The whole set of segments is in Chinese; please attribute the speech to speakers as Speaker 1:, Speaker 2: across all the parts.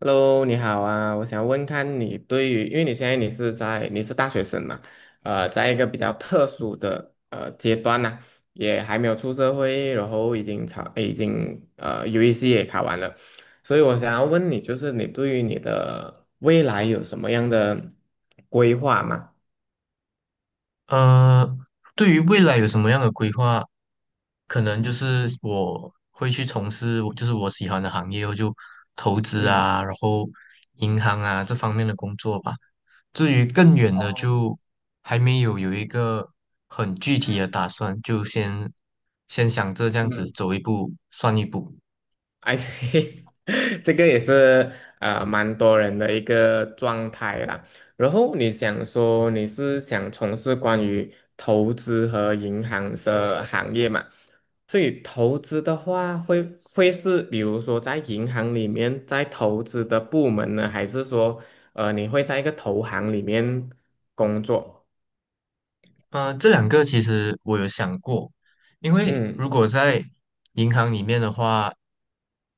Speaker 1: Hello，你好啊，我想问看你对于，因为你现在你是在你是大学生嘛，在一个比较特殊的阶段呢、也还没有出社会，然后已经UEC 也考完了，所以我想要问你，就是你对于你的未来有什么样的规划吗？
Speaker 2: 呃，对于未来有什么样的规划？可能就是我会去从事我就是我喜欢的行业，我就投资
Speaker 1: 嗯。
Speaker 2: 啊，然后银行啊这方面的工作吧。至于更远的，就还没有一个很具体的打算，就先想着这样子走一步算一步。
Speaker 1: 而且 这个也是蛮多人的一个状态啦。然后你想说你是想从事关于投资和银行的行业嘛？所以投资的话会，是比如说在银行里面在投资的部门呢，还是说你会在一个投行里面工作？
Speaker 2: 呃，这两个其实我有想过，因为如
Speaker 1: 嗯。
Speaker 2: 果在银行里面的话，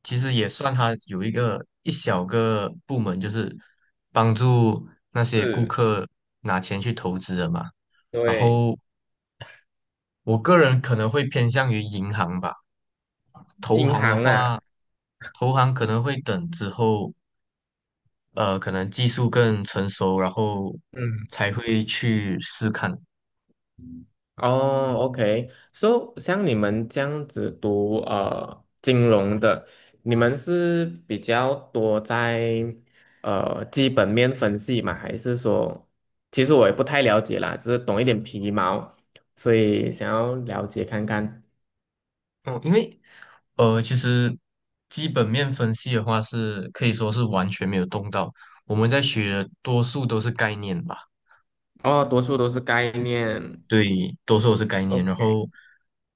Speaker 2: 其实也算它有一个一小个部门，就是帮助那些顾
Speaker 1: 是。
Speaker 2: 客拿钱去投资的嘛。然
Speaker 1: 对。
Speaker 2: 后我个人可能会偏向于银行吧，投
Speaker 1: 银
Speaker 2: 行的
Speaker 1: 行啊。
Speaker 2: 话，投行可能会等之后，呃，可能技术更成熟，然后
Speaker 1: 嗯。
Speaker 2: 才会去试看。
Speaker 1: 哦，OK，so 像你们这样子读金融的，你们是比较多在基本面分析吗？还是说，其实我也不太了解啦，只是懂一点皮毛，所以想要了解看看。
Speaker 2: 嗯，因为呃，其实基本面分析的话是可以说是完全没有动到。我们在学的多数都是概念吧。
Speaker 1: 哦，多数都是概念
Speaker 2: 对，多数都是概念，然
Speaker 1: ，OK，
Speaker 2: 后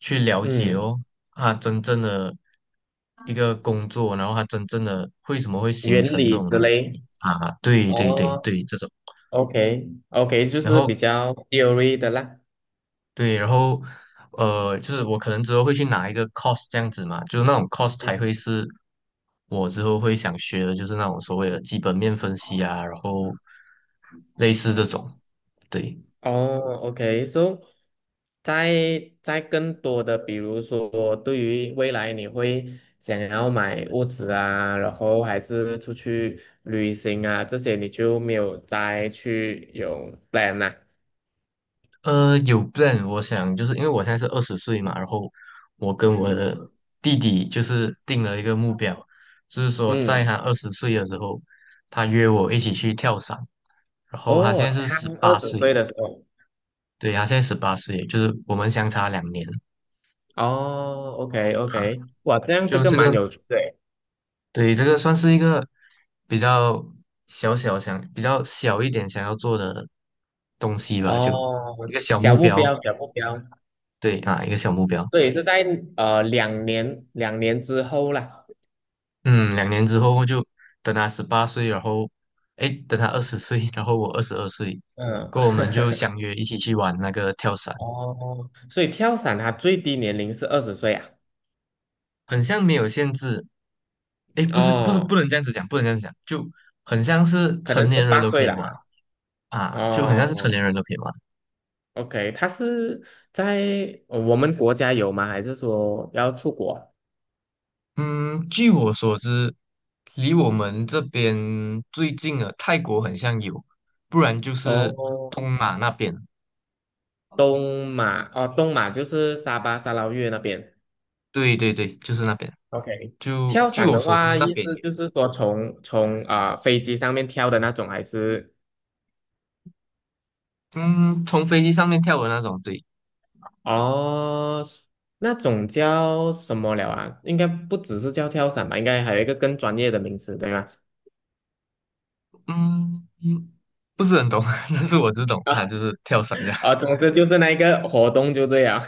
Speaker 2: 去了解
Speaker 1: 嗯，
Speaker 2: 哦，它真正的一个工作，然后它真正的为什么会形
Speaker 1: 原
Speaker 2: 成这
Speaker 1: 理
Speaker 2: 种
Speaker 1: 之
Speaker 2: 东西。
Speaker 1: 类。
Speaker 2: 啊？对对对
Speaker 1: 哦
Speaker 2: 对，这种。
Speaker 1: ，OK，OK，就
Speaker 2: 然
Speaker 1: 是比
Speaker 2: 后
Speaker 1: 较 theory 的啦。
Speaker 2: 对，然后呃，就是我可能之后会去拿一个 c o s 这样子嘛，就是那种 c o s e 才会是我之后会想学的，就是那种所谓的基本面分析啊，然后类似这种。对。
Speaker 1: 哦，OK，so 在更多的，比如说对于未来你会想要买屋子啊，然后还是出去旅行啊，这些你就没有再去有 plan 啦、
Speaker 2: 呃，有 plan,我想就是因为我现在是二十岁嘛，然后我跟我的弟弟就是定了一个目标，就是说在
Speaker 1: 嗯，
Speaker 2: 他二十岁的时候，他约我一起去跳伞，然后他现
Speaker 1: 哦，
Speaker 2: 在是
Speaker 1: 他
Speaker 2: 十
Speaker 1: 二
Speaker 2: 八
Speaker 1: 十岁
Speaker 2: 岁。
Speaker 1: 的时候，
Speaker 2: 对，他现在十八岁，就是我们相差两年。
Speaker 1: 哦，OK
Speaker 2: 啊。
Speaker 1: OK，哇，这样这
Speaker 2: 就
Speaker 1: 个
Speaker 2: 这个，
Speaker 1: 蛮有趣的诶，
Speaker 2: 对，这个算是一个比较小小想，比较小一点想要做的东西吧，就
Speaker 1: 哦，
Speaker 2: 一个小
Speaker 1: 小
Speaker 2: 目
Speaker 1: 目
Speaker 2: 标。
Speaker 1: 标小目标，
Speaker 2: 对啊，一个小目标。
Speaker 1: 对，是在两年之后啦，
Speaker 2: 嗯，两年之后就等他十八岁，然后哎，诶等他二十岁，然后我二十二岁，
Speaker 1: 嗯。
Speaker 2: 过后我们就 相约一起去玩那个跳伞。
Speaker 1: 哦，所以跳伞它最低年龄是二十岁啊？
Speaker 2: 很像没有限制，哎，不是
Speaker 1: 哦，
Speaker 2: 不能这样子讲，不能这样子讲，就很像是
Speaker 1: 可能
Speaker 2: 成
Speaker 1: 是
Speaker 2: 年人
Speaker 1: 八
Speaker 2: 都可
Speaker 1: 岁
Speaker 2: 以
Speaker 1: 了
Speaker 2: 玩。
Speaker 1: 啊。
Speaker 2: 啊，就很像是成
Speaker 1: 哦
Speaker 2: 年人都可以玩。
Speaker 1: ，OK，它是在我们国家有吗？还是说要出国？
Speaker 2: 嗯，据我所知，离我们这边最近的泰国很像有，不然就是
Speaker 1: 哦，
Speaker 2: 东马那边。
Speaker 1: 东马哦，东马就是沙巴、沙捞越那边。
Speaker 2: 对对对，就是那边。
Speaker 1: OK，
Speaker 2: 就
Speaker 1: 跳
Speaker 2: 据
Speaker 1: 伞
Speaker 2: 我
Speaker 1: 的
Speaker 2: 所知，
Speaker 1: 话，
Speaker 2: 那
Speaker 1: 意
Speaker 2: 边
Speaker 1: 思
Speaker 2: 有。
Speaker 1: 就是说从飞机上面跳的那种，还是
Speaker 2: 嗯，从飞机上面跳的那种，对。
Speaker 1: 哦那种叫什么了啊？应该不只是叫跳伞吧？应该还有一个更专业的名词，对吗？
Speaker 2: 嗯,不是很懂，但是我只懂
Speaker 1: 啊
Speaker 2: 啊，就是跳伞这样。
Speaker 1: 啊，总之就是那一个活动就对了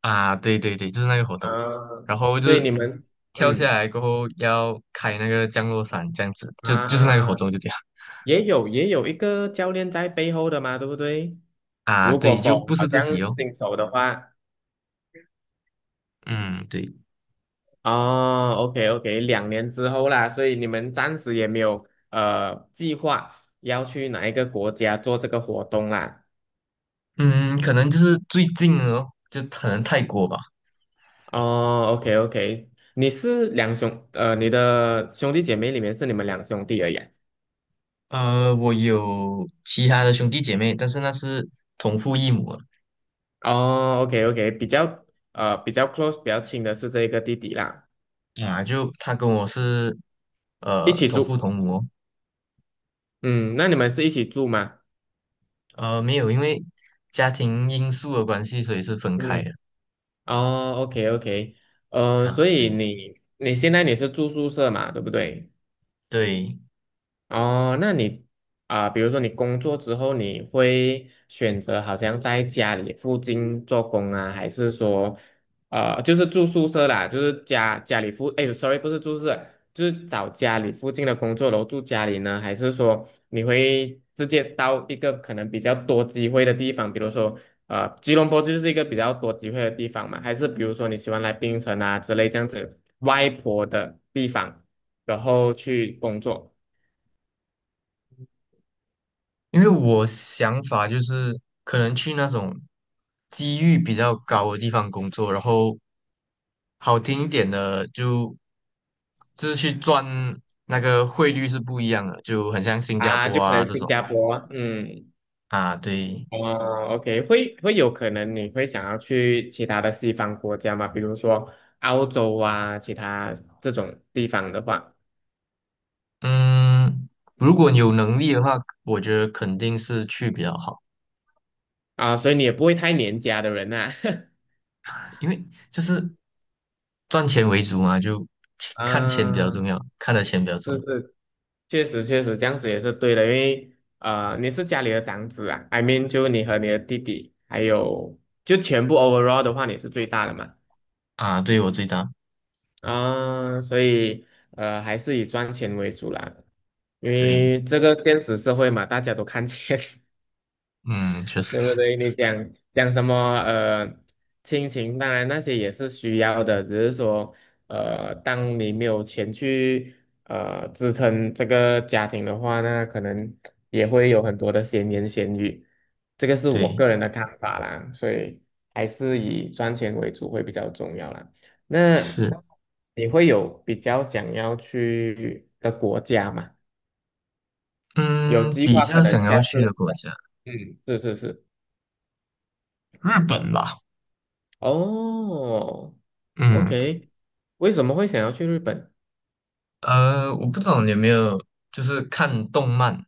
Speaker 2: 啊，对对对，就是那个活 动。
Speaker 1: 啊，
Speaker 2: 然后就
Speaker 1: 所以
Speaker 2: 是
Speaker 1: 你们
Speaker 2: 跳下
Speaker 1: 嗯
Speaker 2: 来过后要开那个降落伞，这样子，就是那个活
Speaker 1: 啊，
Speaker 2: 动就这样。
Speaker 1: 也有一个教练在背后的嘛，对不对？
Speaker 2: 啊，
Speaker 1: 如果
Speaker 2: 对，就
Speaker 1: 否，
Speaker 2: 不
Speaker 1: 好
Speaker 2: 是自
Speaker 1: 像
Speaker 2: 己哦。
Speaker 1: 新手的话，
Speaker 2: 嗯，对。
Speaker 1: 哦，OK OK，两年之后啦，所以你们暂时也没有计划要去哪一个国家做这个活动啦。
Speaker 2: 嗯，可能就是最近哦，就可能泰国吧。
Speaker 1: 哦，OK OK，你是你的兄弟姐妹里面是你们两兄弟而已啊
Speaker 2: 呃，我有其他的兄弟姐妹，但是那是同父异母的。
Speaker 1: 哦，OK OK，比较比较 close 比较亲的是这个弟弟啦，
Speaker 2: 啊，就他跟我是
Speaker 1: 一
Speaker 2: 呃
Speaker 1: 起
Speaker 2: 同父
Speaker 1: 住。
Speaker 2: 同母哦。
Speaker 1: 嗯，那你们是一起住吗？
Speaker 2: 呃，没有因为家庭因素的关系，所以是分开
Speaker 1: 嗯，
Speaker 2: 的。
Speaker 1: 哦，OK OK，所
Speaker 2: 啊，
Speaker 1: 以
Speaker 2: 对
Speaker 1: 你现在是住宿舍嘛，对不对？
Speaker 2: 对，
Speaker 1: 哦，那你比如说你工作之后，你会选择好像在家里附近做工啊，还是说，就是住宿舍啦，就是家家里附，哎，sorry，不是住宿舍，就是找家里附近的工作，然后住家里呢，还是说你会直接到一个可能比较多机会的地方，比如说，吉隆坡就是一个比较多机会的地方嘛，还是比如说你喜欢来槟城啊之类这样子外婆的地方，然后去工作？
Speaker 2: 因为我想法就是可能去那种机遇比较高的地方工作，然后好听一点的就是去赚，那个汇率是不一样的，就很像新加
Speaker 1: 啊，
Speaker 2: 坡
Speaker 1: 就可
Speaker 2: 啊
Speaker 1: 能
Speaker 2: 这
Speaker 1: 新
Speaker 2: 种。
Speaker 1: 加坡，嗯，
Speaker 2: 啊，对。
Speaker 1: 哦，OK，会有可能你会想要去其他的西方国家嘛，比如说澳洲啊，其他这种地方的话，
Speaker 2: 嗯，如果你有能力的话，我觉得肯定是去比较好，
Speaker 1: 啊，所以你也不会太黏家的人呐、
Speaker 2: 因为就是赚钱为主嘛，就看钱比较
Speaker 1: 啊。
Speaker 2: 重要，看的钱比较重。
Speaker 1: 确实确实这样子也是对的，因为你是家里的长子啊，I mean 就你和你的弟弟，还有就全部 overall 的话，你是最大的嘛。
Speaker 2: 啊，对我最大。
Speaker 1: 啊，所以还是以赚钱为主啦，因
Speaker 2: 对。
Speaker 1: 为这个现实社会嘛，大家都看钱。
Speaker 2: 嗯，确
Speaker 1: 对不
Speaker 2: 实。
Speaker 1: 对？你讲讲什么？呃，亲情，当然那些也是需要的，只是说，当你没有钱去支撑这个家庭的话，那可能也会有很多的闲言闲语。这个是我
Speaker 2: 对。
Speaker 1: 个人的看法啦，所以还是以赚钱为主会比较重要啦。那
Speaker 2: 是。
Speaker 1: 你会有比较想要去的国家吗？有
Speaker 2: 嗯，
Speaker 1: 计
Speaker 2: 比
Speaker 1: 划可
Speaker 2: 较
Speaker 1: 能
Speaker 2: 想要
Speaker 1: 下次，
Speaker 2: 去的国家，
Speaker 1: 嗯，是是是。
Speaker 2: 日本吧。
Speaker 1: 哦
Speaker 2: 嗯，
Speaker 1: ，OK，为什么会想要去日本？
Speaker 2: 呃，我不知道你有没有就是看动漫，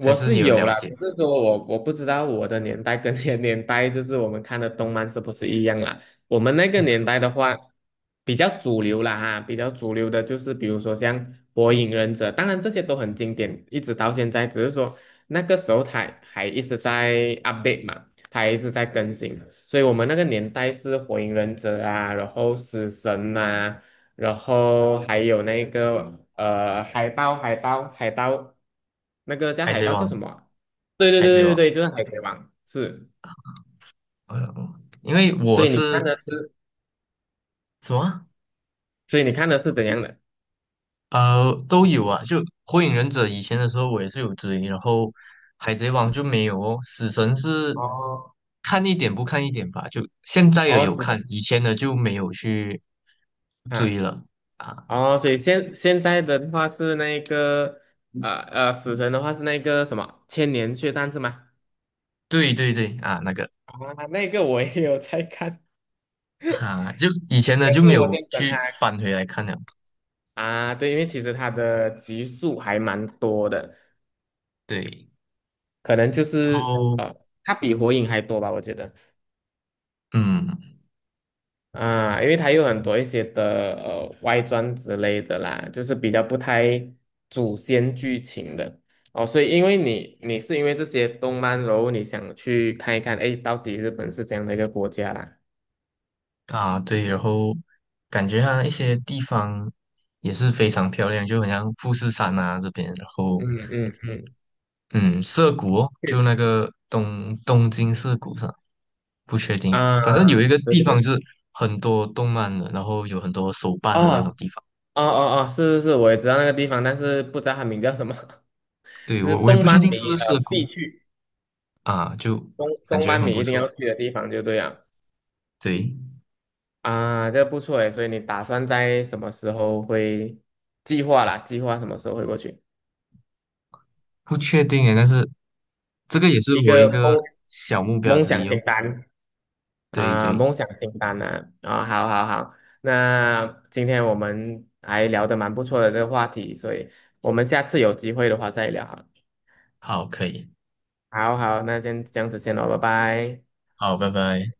Speaker 2: 还是你
Speaker 1: 是
Speaker 2: 有
Speaker 1: 有
Speaker 2: 了
Speaker 1: 啦，
Speaker 2: 解
Speaker 1: 只是说我不知道我的年代跟 你的年代，就是我们看的动漫是不是一样啦？我们那个年代的话，比较主流的就是比如说像《火影忍者》，当然这些都很经典，一直到现在，只是说那个时候它还一直在 update 嘛，它还一直在更新，所以我们那个年代是《火影忍者》啊，然后《死神》啊。然后还有那个海豹，海豹，海盗，那个叫
Speaker 2: 《海
Speaker 1: 海
Speaker 2: 贼
Speaker 1: 盗叫
Speaker 2: 王》？
Speaker 1: 什么啊？对对
Speaker 2: 《海贼
Speaker 1: 对对
Speaker 2: 王》，
Speaker 1: 对，就是海贼王，是。
Speaker 2: 呃，因为我
Speaker 1: 所以你看
Speaker 2: 是
Speaker 1: 的是，
Speaker 2: 什么，
Speaker 1: 所以你看的是怎样的？
Speaker 2: 啊呃都有啊，就《火影忍者》以前的时候我也是有追，然后《海贼王》就没有哦，《死神》是
Speaker 1: 哦，
Speaker 2: 看一点不看一点吧，就现在也
Speaker 1: 哦，
Speaker 2: 有
Speaker 1: 死
Speaker 2: 看，
Speaker 1: 神
Speaker 2: 以前的就没有去追
Speaker 1: 啊，
Speaker 2: 了。啊，
Speaker 1: 哦，所以现在的话是那个死神的话是那个什么千年血战是吗？
Speaker 2: 对对对啊，那个。
Speaker 1: 啊，那个我也有在看，
Speaker 2: 哈、就以前的就
Speaker 1: 可
Speaker 2: 没
Speaker 1: 是我
Speaker 2: 有
Speaker 1: 先等他
Speaker 2: 去翻回来看了。
Speaker 1: 啊，对，因为其实他的集数还蛮多的，
Speaker 2: 对，
Speaker 1: 可能就
Speaker 2: 然
Speaker 1: 是
Speaker 2: 后
Speaker 1: 它比火影还多吧，我觉得
Speaker 2: 嗯。
Speaker 1: 啊，因为它有很多一些的外传之类的啦，就是比较不太主线剧情的哦，所以因为你你是因为这些动漫，然后你想去看一看，哎，到底日本是怎样的一个国家啦？
Speaker 2: 啊对，然后感觉它一些地方也是非常漂亮，就很像富士山啊这边，然后
Speaker 1: 嗯嗯嗯，
Speaker 2: 嗯涩谷哦，就
Speaker 1: 是
Speaker 2: 那个东京涩谷上，不确定，
Speaker 1: 啊，
Speaker 2: 反正有一个
Speaker 1: 对
Speaker 2: 地
Speaker 1: 对
Speaker 2: 方
Speaker 1: 对，
Speaker 2: 就是很多动漫的，然后有很多手办
Speaker 1: 哦
Speaker 2: 的那种地方。
Speaker 1: 哦哦哦，是是是，我也知道那个地方，但是不知道它名叫什么，
Speaker 2: 对，
Speaker 1: 就是
Speaker 2: 我也不确定是不是涩谷啊，就感
Speaker 1: 动
Speaker 2: 觉
Speaker 1: 漫
Speaker 2: 很
Speaker 1: 迷
Speaker 2: 不
Speaker 1: 一定
Speaker 2: 错。
Speaker 1: 要去的地方就对了。
Speaker 2: 对。
Speaker 1: 啊，这个不错诶，所以你打算在什么时候会计划啦？计划什么时候会过去？
Speaker 2: 不确定诶，但是这个也是
Speaker 1: 一
Speaker 2: 我一
Speaker 1: 个梦
Speaker 2: 个小目标
Speaker 1: 梦
Speaker 2: 之
Speaker 1: 想
Speaker 2: 一哦。
Speaker 1: 清单
Speaker 2: 对
Speaker 1: 啊，
Speaker 2: 对，
Speaker 1: 梦想清单啊，啊，好好好，那今天我们还聊得蛮不错的这个话题，所以我们下次有机会的话再聊好了
Speaker 2: 好，可以，
Speaker 1: 好好，那先这样子先咯，拜拜。
Speaker 2: 好，拜拜。